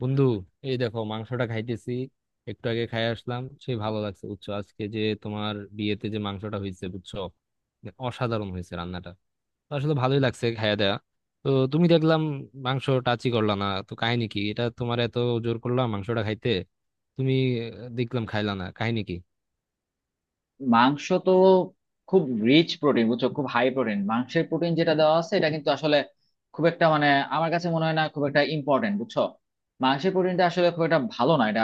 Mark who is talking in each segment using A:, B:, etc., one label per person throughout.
A: বন্ধু, এই দেখো মাংসটা খাইতেছি। একটু আগে খাই আসলাম, সে ভালো লাগছে বুঝছো। আজকে যে তোমার বিয়েতে যে মাংসটা হয়েছে বুঝছো, অসাধারণ হয়েছে রান্নাটা। তো আসলে ভালোই লাগছে খাইয়া দেয়া। তো তুমি দেখলাম মাংস টাচই করলা না, তো কাহিনী কি এটা তোমার? এত জোর করলাম মাংসটা খাইতে তুমি। দেখলাম খাইলা না, কাহিনী কি?
B: মাংস তো খুব রিচ প্রোটিন বুঝছো। খুব হাই প্রোটিন, মাংসের প্রোটিন যেটা দেওয়া আছে এটা কিন্তু আসলে খুব একটা আমার কাছে মনে হয় না খুব একটা ইম্পর্টেন্ট, বুঝছো। মাংসের প্রোটিনটা আসলে খুব একটা ভালো না এটা।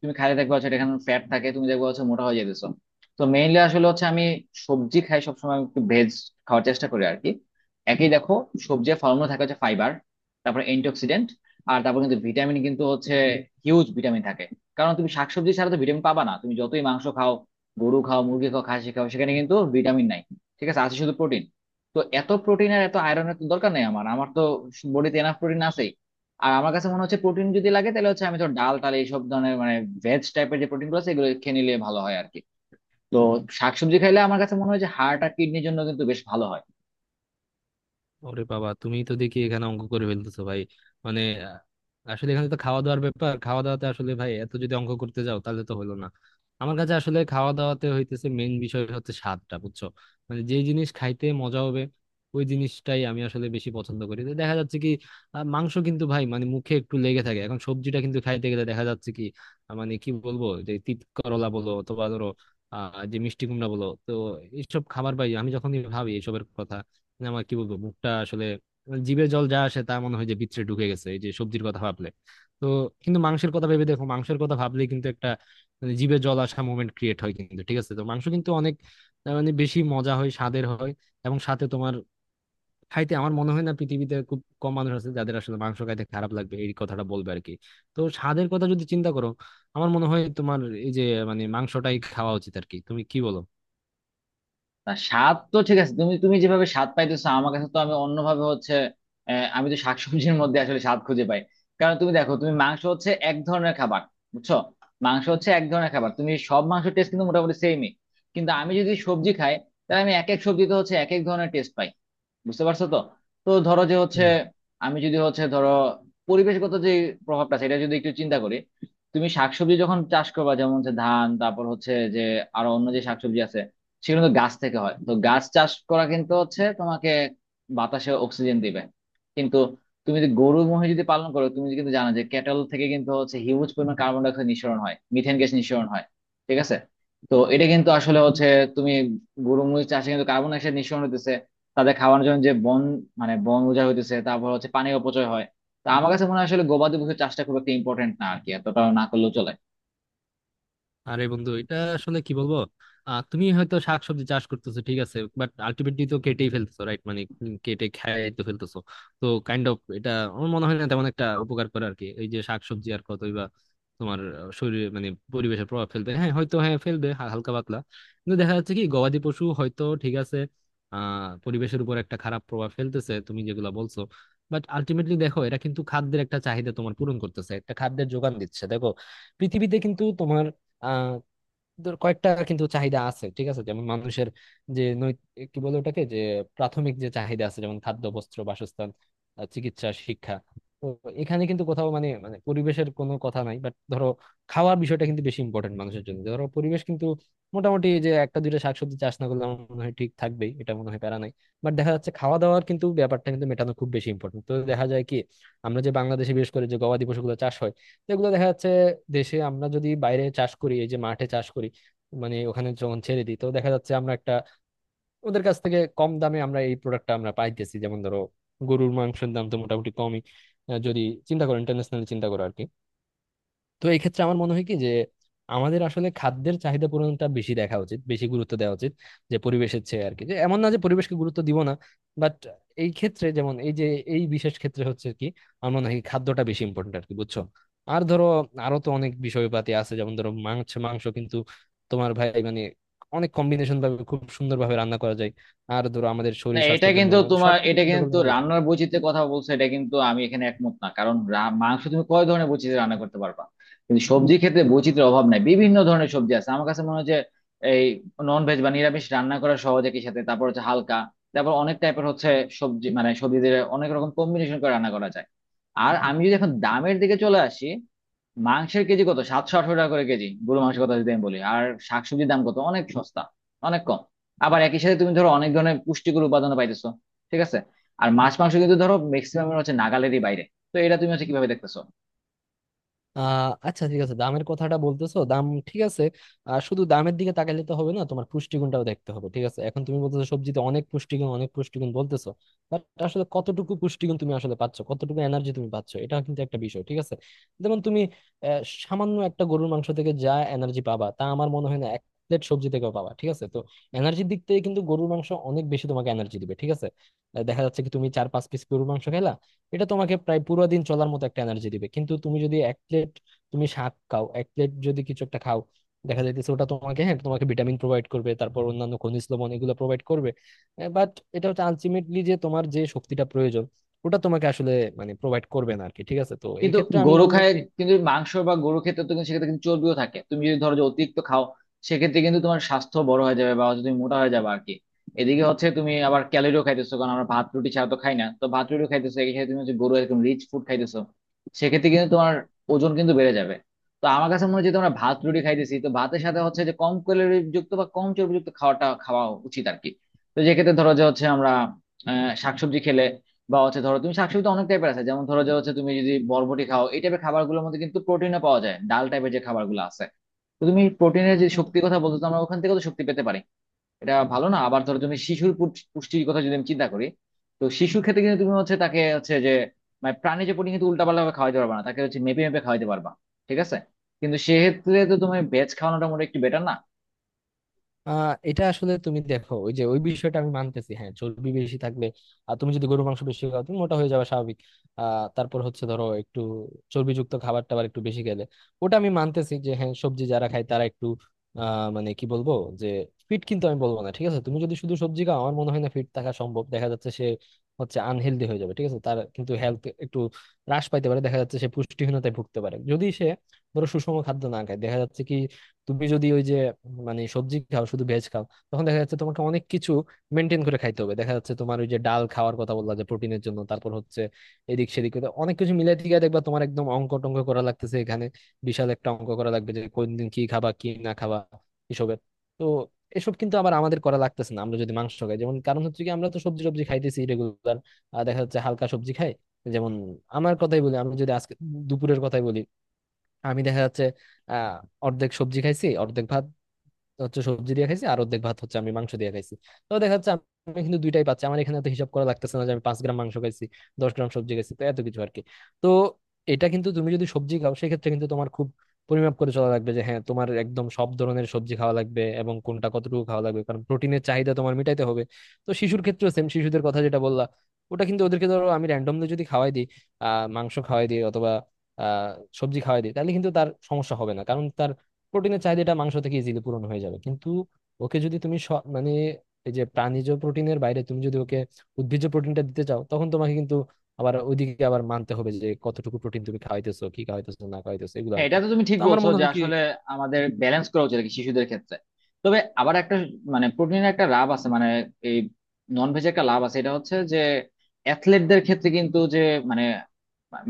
B: তুমি খাইলে দেখবা হচ্ছে এটা এখানে ফ্যাট থাকে, তুমি দেখবা হচ্ছে মোটা হয়ে যেতেছো। তো মেইনলি আসলে হচ্ছে আমি সবজি খাই, সবসময় একটু ভেজ খাওয়ার চেষ্টা করি আর কি। একই দেখো, সবজি ফলমূল থাকে হচ্ছে ফাইবার, তারপর অ্যান্টিঅক্সিডেন্ট, আর তারপর কিন্তু ভিটামিন কিন্তু হচ্ছে হিউজ ভিটামিন থাকে। কারণ তুমি শাকসবজি ছাড়া তো ভিটামিন পাবা না, তুমি যতই মাংস খাও, গরু খাও, মুরগি খাও, খাসি খাও, সেখানে কিন্তু ভিটামিন নাই। ঠিক আছে, আছে শুধু প্রোটিন। তো এত প্রোটিন আর এত আয়রনের তো দরকার নেই আমার আমার তো বডিতে এনাফ প্রোটিন আছেই। আর আমার কাছে মনে হচ্ছে প্রোটিন যদি লাগে তাহলে হচ্ছে আমি তো ডাল টাল এইসব ধরনের ভেজ টাইপের যে প্রোটিন গুলো আছে এগুলো খেয়ে নিলে ভালো হয় আর কি। তো শাকসবজি খাইলে আমার কাছে মনে হয় যে হার্ট আর কিডনির জন্য কিন্তু বেশ ভালো হয়।
A: ওরে বাবা, তুমি তো দেখি এখানে অঙ্ক করে ফেলতেছো ভাই। মানে আহ, আসলে এখানে তো খাওয়া দাওয়ার ব্যাপার, খাওয়া দাওয়াতে আসলে ভাই এত যদি অঙ্ক করতে যাও তাহলে তো হলো না। আমার কাছে আসলে খাওয়া দাওয়াতে হইতেছে মেন বিষয় হচ্ছে স্বাদটা বুঝছো। মানে যে জিনিস খাইতে মজা হবে ওই জিনিসটাই আমি আসলে বেশি পছন্দ করি। তো দেখা যাচ্ছে কি মাংস কিন্তু ভাই মানে মুখে একটু লেগে থাকে। এখন সবজিটা কিন্তু খাইতে গেলে দেখা যাচ্ছে কি মানে কি বলবো, যে তিত করলা বলো অথবা ধরো যে মিষ্টি কুমড়া বলো, তো এইসব খাবার ভাই আমি যখনই ভাবি এইসবের কথা, মানে আমার কি বলবো মুখটা আসলে, মানে জিভে জল যা আসে তা মনে হয় যে ভিতরে ঢুকে গেছে এই যে সবজির কথা ভাবলে। তো কিন্তু মাংসের কথা ভেবে দেখো, মাংসের কথা ভাবলে কিন্তু একটা মানে জিভে জল আসা মোমেন্ট ক্রিয়েট হয় কিন্তু ঠিক আছে। তো মাংস কিন্তু অনেক মানে বেশি মজা হয়, স্বাদের হয়। এবং সাথে তোমার খাইতে আমার মনে হয় না পৃথিবীতে খুব কম মানুষ আছে যাদের আসলে মাংস খাইতে খারাপ লাগবে এই কথাটা বলবে আর কি। তো স্বাদের কথা যদি চিন্তা করো আমার মনে হয় তোমার এই যে মানে মাংসটাই খাওয়া উচিত আর কি, তুমি কি বলো?
B: না, স্বাদ তো ঠিক আছে, তুমি তুমি যেভাবে স্বাদ পাইতেছো আমার কাছে তো আমি অন্যভাবে হচ্ছে আমি তো শাকসবজির মধ্যে আসলে স্বাদ খুঁজে পাই। কারণ তুমি দেখো, তুমি মাংস হচ্ছে এক ধরনের খাবার, বুঝছো। মাংস হচ্ছে এক ধরনের খাবার, তুমি সব মাংস টেস্ট কিন্তু মোটামুটি সেমই। কিন্তু আমি যদি সবজি খাই তাহলে আমি এক এক সবজিতে হচ্ছে এক এক ধরনের টেস্ট পাই, বুঝতে পারছো তো। তো ধরো যে হচ্ছে আমি যদি হচ্ছে ধরো পরিবেশগত যে প্রভাবটা সেটা যদি একটু চিন্তা করি, তুমি শাকসবজি যখন চাষ করবা যেমন হচ্ছে ধান, তারপর হচ্ছে যে আরো অন্য যে শাকসবজি আছে সেগুলো তো গাছ থেকে হয়, তো গাছ চাষ করা কিন্তু হচ্ছে তোমাকে বাতাসে অক্সিজেন দিবে। কিন্তু তুমি যদি গরু মহিষ যদি পালন করো, তুমি কিন্তু জানো যে ক্যাটল থেকে কিন্তু হচ্ছে হিউজ পরিমাণ কার্বন ডাই অক্সাইড নিঃসরণ হয়, মিথেন গ্যাস নিঃসরণ হয়। ঠিক আছে। তো এটা কিন্তু আসলে
A: হুম।
B: হচ্ছে তুমি গরু মহিষ চাষে কিন্তু কার্বন ডাই অক্সাইড নিঃসরণ হতেছে, তাদের খাওয়ানোর জন্য যে বন বন উজাড় হইতেছে, তারপর হচ্ছে পানি অপচয় হয়। তা আমার কাছে মনে হয় আসলে গবাদি পশু চাষটা খুব একটা ইম্পর্টেন্ট না আর কি, এতটা না করলেও চলে।
A: আরে বন্ধু, এটা আসলে কি বলবো। তুমি হয়তো শাকসবজি চাষ করতেছো ঠিক আছে, বাট আলটিমেটলি তো কেটেই ফেলতেছো রাইট, মানে কেটে খেয়ে তো ফেলতেছো। তো কাইন্ড অফ এটা আমার মনে হয় না তেমন একটা উপকার করে আর কি। এই যে শাকসবজি আর কতই বা তোমার শরীরে মানে পরিবেশে প্রভাব ফেলবে, হ্যাঁ হয়তো হ্যাঁ ফেলবে হালকা পাতলা। কিন্তু দেখা যাচ্ছে কি গবাদি পশু হয়তো ঠিক আছে আহ পরিবেশের উপর একটা খারাপ প্রভাব ফেলতেছে তুমি যেগুলা বলছো, বাট আলটিমেটলি দেখো এরা কিন্তু খাদ্যের একটা চাহিদা তোমার পূরণ করতেছে, একটা খাদ্যের যোগান দিচ্ছে দেখো। পৃথিবীতে কিন্তু তোমার আহ তোর কয়েকটা কিন্তু চাহিদা আছে ঠিক আছে, যেমন মানুষের যে কি বলে ওটাকে, যে প্রাথমিক যে চাহিদা আছে যেমন খাদ্য, বস্ত্র, বাসস্থান, চিকিৎসা, শিক্ষা। তো এখানে কিন্তু কোথাও মানে মানে পরিবেশের কোনো কথা নাই, বাট ধরো খাওয়ার বিষয়টা কিন্তু বেশি ইম্পর্টেন্ট মানুষের জন্য, যে ধরো পরিবেশ কিন্তু মোটামুটি যে একটা দুইটা শাকসবজি চাষ না করলে আমার মনে হয় ঠিক থাকবেই, এটা মনে হয় প্যারা নাই। বাট দেখা যাচ্ছে খাওয়া দাওয়ার কিন্তু ব্যাপারটা কিন্তু মেটানো খুব বেশি ইম্পর্টেন্ট। তো দেখা যায় কি আমরা যে বাংলাদেশে বিশেষ করে যে গবাদি পশুগুলো চাষ হয় এগুলো দেখা যাচ্ছে দেশে আমরা যদি বাইরে চাষ করি, এই যে মাঠে চাষ করি, মানে ওখানে যখন ছেড়ে দিই, তো দেখা যাচ্ছে আমরা একটা ওদের কাছ থেকে কম দামে আমরা এই প্রোডাক্টটা আমরা পাইতেছি। যেমন ধরো গরুর মাংসের দাম তো মোটামুটি কমই, যদি চিন্তা করো ইন্টারন্যাশনাল চিন্তা করো আর কি। তো এই ক্ষেত্রে আমার মনে হয় কি যে আমাদের আসলে খাদ্যের চাহিদা পূরণটা বেশি দেখা উচিত, বেশি গুরুত্ব দেওয়া উচিত যে পরিবেশের চেয়ে আর কি। যে এমন না যে পরিবেশকে গুরুত্ব দিব না, বাট এই ক্ষেত্রে যেমন এই যে এই বিশেষ ক্ষেত্রে হচ্ছে কি আমার মনে হয় কি খাদ্যটা বেশি ইম্পর্টেন্ট আর কি, বুঝছো? আর ধরো আরো তো অনেক বিষয়পাতি আছে, যেমন ধরো মাংস মাংস কিন্তু তোমার ভাই মানে অনেক কম্বিনেশন ভাবে খুব সুন্দর ভাবে রান্না করা যায়। আর ধরো আমাদের
B: না,
A: শরীর
B: এটা
A: স্বাস্থ্যের জন্য
B: কিন্তু
A: মানে
B: তোমার
A: সবকিছু
B: এটা
A: চিন্তা করলে
B: কিন্তু
A: ভাই
B: রান্নার বৈচিত্র্যের কথা বলছো, এটা কিন্তু আমি এখানে একমত না। কারণ মাংস তুমি কয় ধরনের বৈচিত্র্য রান্না করতে পারবা? কিন্তু সবজির ক্ষেত্রে বৈচিত্র্যের অভাব নাই, বিভিন্ন ধরনের সবজি আছে। আমার কাছে মনে হয় যে এই নন ভেজ বা নিরামিষ রান্না করা সহজ, একই সাথে তারপর হচ্ছে হালকা, তারপর অনেক টাইপের হচ্ছে সবজি সবজিদের অনেক রকম কম্বিনেশন করে রান্না করা যায়। আর আমি যদি এখন দামের দিকে চলে আসি, মাংসের কেজি কত, 718 টাকা করে কেজি, গরু মাংসের কথা যদি আমি বলি। আর শাকসবজির দাম কত, অনেক সস্তা, অনেক কম। আবার একই সাথে তুমি ধরো অনেক ধরনের পুষ্টিকর উপাদান পাইতেছো। ঠিক আছে। আর মাছ মাংস কিন্তু ধরো ম্যাক্সিমাম হচ্ছে নাগালেরই বাইরে। তো এটা তুমি হচ্ছে কিভাবে দেখতেছো?
A: আচ্ছা ঠিক আছে দামের কথাটা বলতেছো, দাম ঠিক আছে। শুধু দামের দিকে তাকাইলে তো হবে না, তোমার পুষ্টিগুণটাও দেখতে হবে ঠিক আছে। এখন তুমি বলতেছো সবজিতে অনেক পুষ্টিগুণ, অনেক পুষ্টিগুণ বলতেছো, বাট আসলে কতটুকু পুষ্টিগুণ তুমি আসলে পাচ্ছ, কতটুকু এনার্জি তুমি পাচ্ছ, এটা কিন্তু একটা বিষয় ঠিক আছে। যেমন তুমি সামান্য একটা গরুর মাংস থেকে যা এনার্জি পাবা তা আমার মনে হয় না এক প্লেট সবজি থেকেও পাবা ঠিক আছে। তো এনার্জির দিক থেকে কিন্তু গরুর মাংস অনেক বেশি তোমাকে এনার্জি দিবে ঠিক আছে। দেখা যাচ্ছে কি তুমি 4-5 পিস গরুর মাংস খেলা এটা তোমাকে প্রায় পুরো দিন চলার মতো একটা এনার্জি দিবে, কিন্তু তুমি যদি এক প্লেট তুমি শাক খাও, এক প্লেট যদি কিছু একটা খাও, দেখা যাইতেছে ওটা তোমাকে হ্যাঁ তোমাকে ভিটামিন প্রোভাইড করবে, তারপর অন্যান্য খনিজ লবণ এগুলো প্রোভাইড করবে। বাট এটা হচ্ছে আলটিমেটলি যে তোমার যে শক্তিটা প্রয়োজন ওটা তোমাকে আসলে মানে প্রোভাইড করবে না আর কি ঠিক আছে। তো এই
B: কিন্তু
A: ক্ষেত্রে আমি
B: গরু
A: বলবো
B: খায়,
A: কি
B: কিন্তু মাংস বা গরু খেতে তো কিন্তু সেক্ষেত্রে কিন্তু চর্বিও থাকে, তুমি যদি ধরো যে অতিরিক্ত খাও সেক্ষেত্রে কিন্তু তোমার স্বাস্থ্য বড় হয়ে যাবে বা হচ্ছে তুমি মোটা হয়ে যাবে আর কি। এদিকে হচ্ছে তুমি আবার ক্যালোরিও খাইতেছো, কারণ আমরা ভাত রুটি ছাড়া তো খাই না, তো ভাত রুটিও খাইতেছো, এক্ষেত্রে তুমি হচ্ছে গরু একদম রিচ ফুড খাইতেছো, সেক্ষেত্রে কিন্তু তোমার ওজন কিন্তু বেড়ে যাবে। তো আমার কাছে মনে হচ্ছে তোমরা ভাত রুটি খাইতেছি, তো ভাতের সাথে হচ্ছে যে কম ক্যালোরি যুক্ত বা কম চর্বিযুক্ত খাওয়া উচিত আর কি। তো যেক্ষেত্রে ধরো যে হচ্ছে আমরা শাকসবজি খেলে বা হচ্ছে ধরো তুমি শাকসবজি তো অনেক টাইপের আছে, যেমন ধরো যে হচ্ছে তুমি যদি বরবটি খাও, এই টাইপের খাবারগুলোর মধ্যে কিন্তু প্রোটিনও পাওয়া যায়, ডাল টাইপের যে খাবারগুলো আছে। তো তুমি প্রোটিনের যে শক্তির কথা বলছো, তো আমরা ওখান থেকে তো শক্তি পেতে পারি, এটা ভালো না? আবার ধরো তুমি শিশুর পুষ্টির কথা যদি আমি চিন্তা করি, তো শিশুর ক্ষেত্রে কিন্তু তুমি হচ্ছে তাকে হচ্ছে যে প্রাণী যে প্রোটিন কিন্তু উল্টাপাল্টা ভাবে খাওয়াইতে পারবা না, তাকে হচ্ছে মেপে মেপে খাওয়াইতে পারবা। ঠিক আছে। কিন্তু সেক্ষেত্রে তো তুমি ভেজ খাওয়ানোটা মোটামুটি একটু বেটার না?
A: এটা আসলে তুমি দেখো, ওই যে ওই বিষয়টা আমি মানতেছি হ্যাঁ চর্বি বেশি থাকলে আর তুমি যদি গরুর মাংস বেশি খাও তুমি মোটা হয়ে যাবে স্বাভাবিক। তারপর হচ্ছে ধরো একটু চর্বিযুক্ত খাবার টাবার একটু বেশি খেলে ওটা আমি মানতেছি যে হ্যাঁ সবজি যারা খায় তারা একটু মানে কি বলবো যে ফিট কিন্তু আমি বলবো না ঠিক আছে। তুমি যদি শুধু সবজি খাও আমার মনে হয় না ফিট থাকা সম্ভব, দেখা যাচ্ছে সে হচ্ছে আনহেলদি হয়ে যাবে ঠিক আছে। তার কিন্তু হেলথ একটু হ্রাস পাইতে পারে, দেখা যাচ্ছে সে পুষ্টিহীনতায় ভুগতে পারে যদি সে ধরো সুষম খাদ্য না খায়। দেখা যাচ্ছে কি তুমি যদি ওই যে মানে সবজি খাও শুধু ভেজ খাও তখন দেখা যাচ্ছে তোমাকে অনেক কিছু মেনটেন করে খাইতে হবে। দেখা যাচ্ছে তোমার ওই যে ডাল খাওয়ার কথা বললা যে প্রোটিনের জন্য, তারপর হচ্ছে এদিক সেদিক করে অনেক কিছু মিলাই টিকে দেখবা তোমার একদম অঙ্ক টঙ্ক করা লাগতেছে এখানে। বিশাল একটা অঙ্ক করা লাগবে যে কোন দিন কি খাবা কি না খাবা এসবের। তো এসব কিন্তু আবার আমাদের করা লাগতেছে না আমরা যদি মাংস খাই যেমন, কারণ হচ্ছে কি আমরা তো সবজি টবজি খাইতেছি রেগুলার, দেখা যাচ্ছে হালকা সবজি খাই। যেমন আমার কথাই বলি, আমি যদি আজকে দুপুরের কথাই বলি, আমি দেখা যাচ্ছে আহ অর্ধেক সবজি খাইছি, অর্ধেক ভাত হচ্ছে সবজি দিয়ে খাইছি আর অর্ধেক ভাত হচ্ছে আমি মাংস দিয়ে খাইছি। তো দেখা যাচ্ছে আমি কিন্তু দুইটাই পাচ্ছি আমার এখানে, তো হিসাব করা লাগতেছে না যে আমি 5 গ্রাম মাংস খাইছি, 10 গ্রাম সবজি খাইছি তো এত কিছু আর কি। তো এটা কিন্তু তুমি যদি সবজি খাও সেক্ষেত্রে কিন্তু তোমার খুব পরিমাপ করে চলা লাগবে যে হ্যাঁ তোমার একদম সব ধরনের সবজি খাওয়া লাগবে এবং কোনটা কতটুকু খাওয়া লাগবে কারণ প্রোটিনের চাহিদা তোমার মিটাইতে হবে। তো শিশুর ক্ষেত্রেও সেম, শিশুদের কথা যেটা বললা ওটা কিন্তু ওদেরকে ধরো আমি র্যান্ডমলি যদি খাওয়াই দিই মাংস খাওয়াই দিই অথবা আহ সবজি খাওয়াই দিই তাহলে কিন্তু তার সমস্যা হবে না, কারণ তার প্রোটিনের চাহিদাটা মাংস থেকে ইজিলি পূরণ হয়ে যাবে। কিন্তু ওকে যদি তুমি মানে এই যে প্রাণীজ প্রোটিনের বাইরে তুমি যদি ওকে উদ্ভিজ্জ প্রোটিনটা দিতে চাও তখন তোমাকে কিন্তু আবার ওইদিকে আবার মানতে হবে যে কতটুকু প্রোটিন তুমি খাওয়াইতেছো কি খাওয়াইতেছো না খাওয়াইতেছো এগুলো
B: হ্যাঁ,
A: আর কি।
B: এটা তো তুমি ঠিক
A: তো আমার
B: বলছো
A: মনে
B: যে
A: হয় কি
B: আসলে আমাদের ব্যালেন্স করা উচিত আর কি, শিশুদের ক্ষেত্রে। তবে আবার একটা প্রোটিনের একটা লাভ আছে, এই নন ভেজের একটা লাভ আছে। এটা হচ্ছে যে অ্যাথলেটদের ক্ষেত্রে কিন্তু যে মানে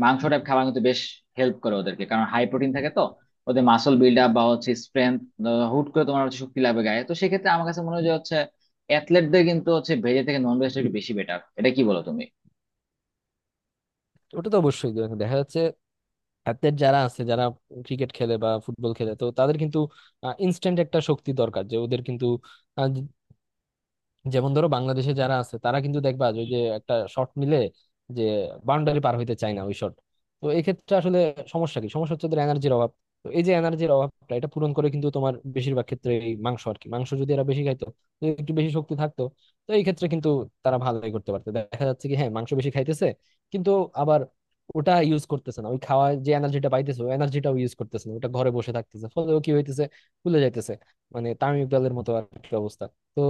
B: মাংস টাইপ খাবার কিন্তু বেশ হেল্প করে ওদেরকে, কারণ হাই প্রোটিন থাকে তো, ওদের মাসল বিল্ড আপ বা হচ্ছে স্ট্রেংথ, হুট করে তোমার হচ্ছে শক্তি লাগবে গায়ে। তো সেক্ষেত্রে আমার কাছে মনে হয় যে হচ্ছে অ্যাথলেটদের কিন্তু হচ্ছে ভেজের থেকে নন ভেজটা একটু বেশি বেটার। এটা কি বলো তুমি?
A: ওটা তো অবশ্যই। দেখা যাচ্ছে অ্যাথলেট যারা আছে যারা ক্রিকেট খেলে বা ফুটবল খেলে তো তাদের কিন্তু ইনস্ট্যান্ট একটা শক্তি দরকার যে ওদের কিন্তু, যেমন ধরো বাংলাদেশে যারা আছে তারা কিন্তু দেখবা যে ওই যে একটা শট নিলে যে বাউন্ডারি পার হইতে চায় না ওই শট। তো এই ক্ষেত্রে আসলে সমস্যা কি, সমস্যা হচ্ছে ওদের এনার্জির অভাব। তো এই যে এনার্জির অভাবটা এটা পূরণ করে কিন্তু তোমার বেশিরভাগ ক্ষেত্রে এই মাংস আর কি, মাংস যদি এরা বেশি খাইতো যদি একটু বেশি শক্তি থাকতো তো এই ক্ষেত্রে কিন্তু তারা ভালোই করতে পারতো। দেখা যাচ্ছে কি হ্যাঁ মাংস বেশি খাইতেছে কিন্তু আবার ওটা ইউজ করতেছে না, ওই খাওয়া যে এনার্জিটা পাইতেছে ওই এনার্জিটাও ইউজ করতেছে না, ওটা ঘরে বসে থাকতেছে ফলে ও কি হইতেছে, ফুলে যাইতেছে, মানে তামিম ইকবালের মতো আর কি অবস্থা। তো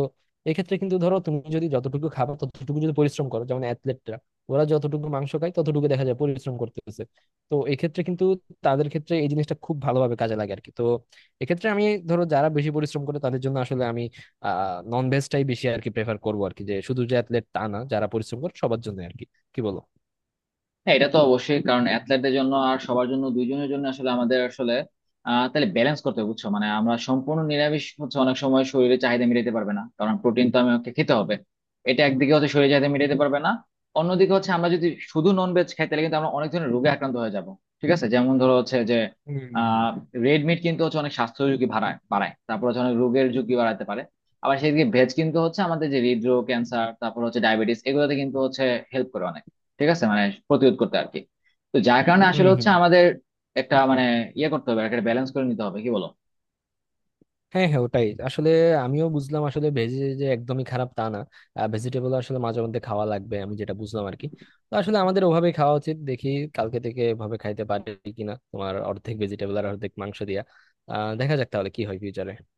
A: এক্ষেত্রে কিন্তু ধরো তুমি যদি যতটুকু খাবার ততটুকু যদি পরিশ্রম করো, যেমন অ্যাথলেটরা ওরা যতটুকু মাংস খায় ততটুকু দেখা যায় পরিশ্রম করতেছে, তো এক্ষেত্রে কিন্তু তাদের ক্ষেত্রে এই জিনিসটা খুব ভালোভাবে কাজে লাগে আর কি। তো এক্ষেত্রে আমি ধরো যারা বেশি পরিশ্রম করে তাদের জন্য আসলে আমি নন ভেজটাই বেশি আর কি প্রেফার করবো আর কি, যে শুধু যে অ্যাথলেট তা না, যারা পরিশ্রম করে সবার জন্য আর কি, কি বলো?
B: হ্যাঁ এটা তো অবশ্যই, কারণ অ্যাথলেটদের জন্য আর সবার জন্য, দুইজনের জন্য আসলে আমাদের আসলে তাহলে ব্যালেন্স করতে হবে, বুঝছো। মানে আমরা সম্পূর্ণ নিরামিষ হচ্ছে অনেক সময় শরীরে চাহিদা মিটাতে পারবে না, কারণ প্রোটিন তো আমাকে খেতে হবে। এটা একদিকে হচ্ছে শরীরে চাহিদা মিটাতে পারবে না, অন্যদিকে হচ্ছে আমরা যদি শুধু নন ভেজ খাই তাহলে কিন্তু আমরা অনেক ধরনের রোগে আক্রান্ত হয়ে যাব। ঠিক আছে। যেমন ধরো হচ্ছে যে আহ রেড মিট কিন্তু হচ্ছে অনেক স্বাস্থ্য ঝুঁকি বাড়ায় বাড়ায়, তারপর হচ্ছে অনেক রোগের ঝুঁকি বাড়াতে পারে। আবার সেদিকে ভেজ কিন্তু হচ্ছে আমাদের যে হৃদরোগ, ক্যান্সার, তারপর হচ্ছে ডায়াবেটিস, এগুলোতে কিন্তু হচ্ছে হেল্প করে অনেক। ঠিক আছে। প্রতিরোধ করতে আর কি। তো যার কারণে
A: হুম
B: আসলে
A: হুম।
B: হচ্ছে আমাদের একটা ইয়ে করতে হবে, একটা ব্যালেন্স করে নিতে হবে। কি বলো?
A: হ্যাঁ হ্যাঁ ওটাই আসলে আমিও বুঝলাম আসলে ভেজ যে একদমই খারাপ তা না, ভেজিটেবল আসলে মাঝে মধ্যে খাওয়া লাগবে আমি যেটা বুঝলাম আর কি। তো আসলে আমাদের ওভাবে খাওয়া উচিত, দেখি কালকে থেকে এভাবে খাইতে পারি কিনা, তোমার অর্ধেক ভেজিটেবল আর অর্ধেক মাংস দিয়া দেখা যাক তাহলে কি হয় ফিউচারে।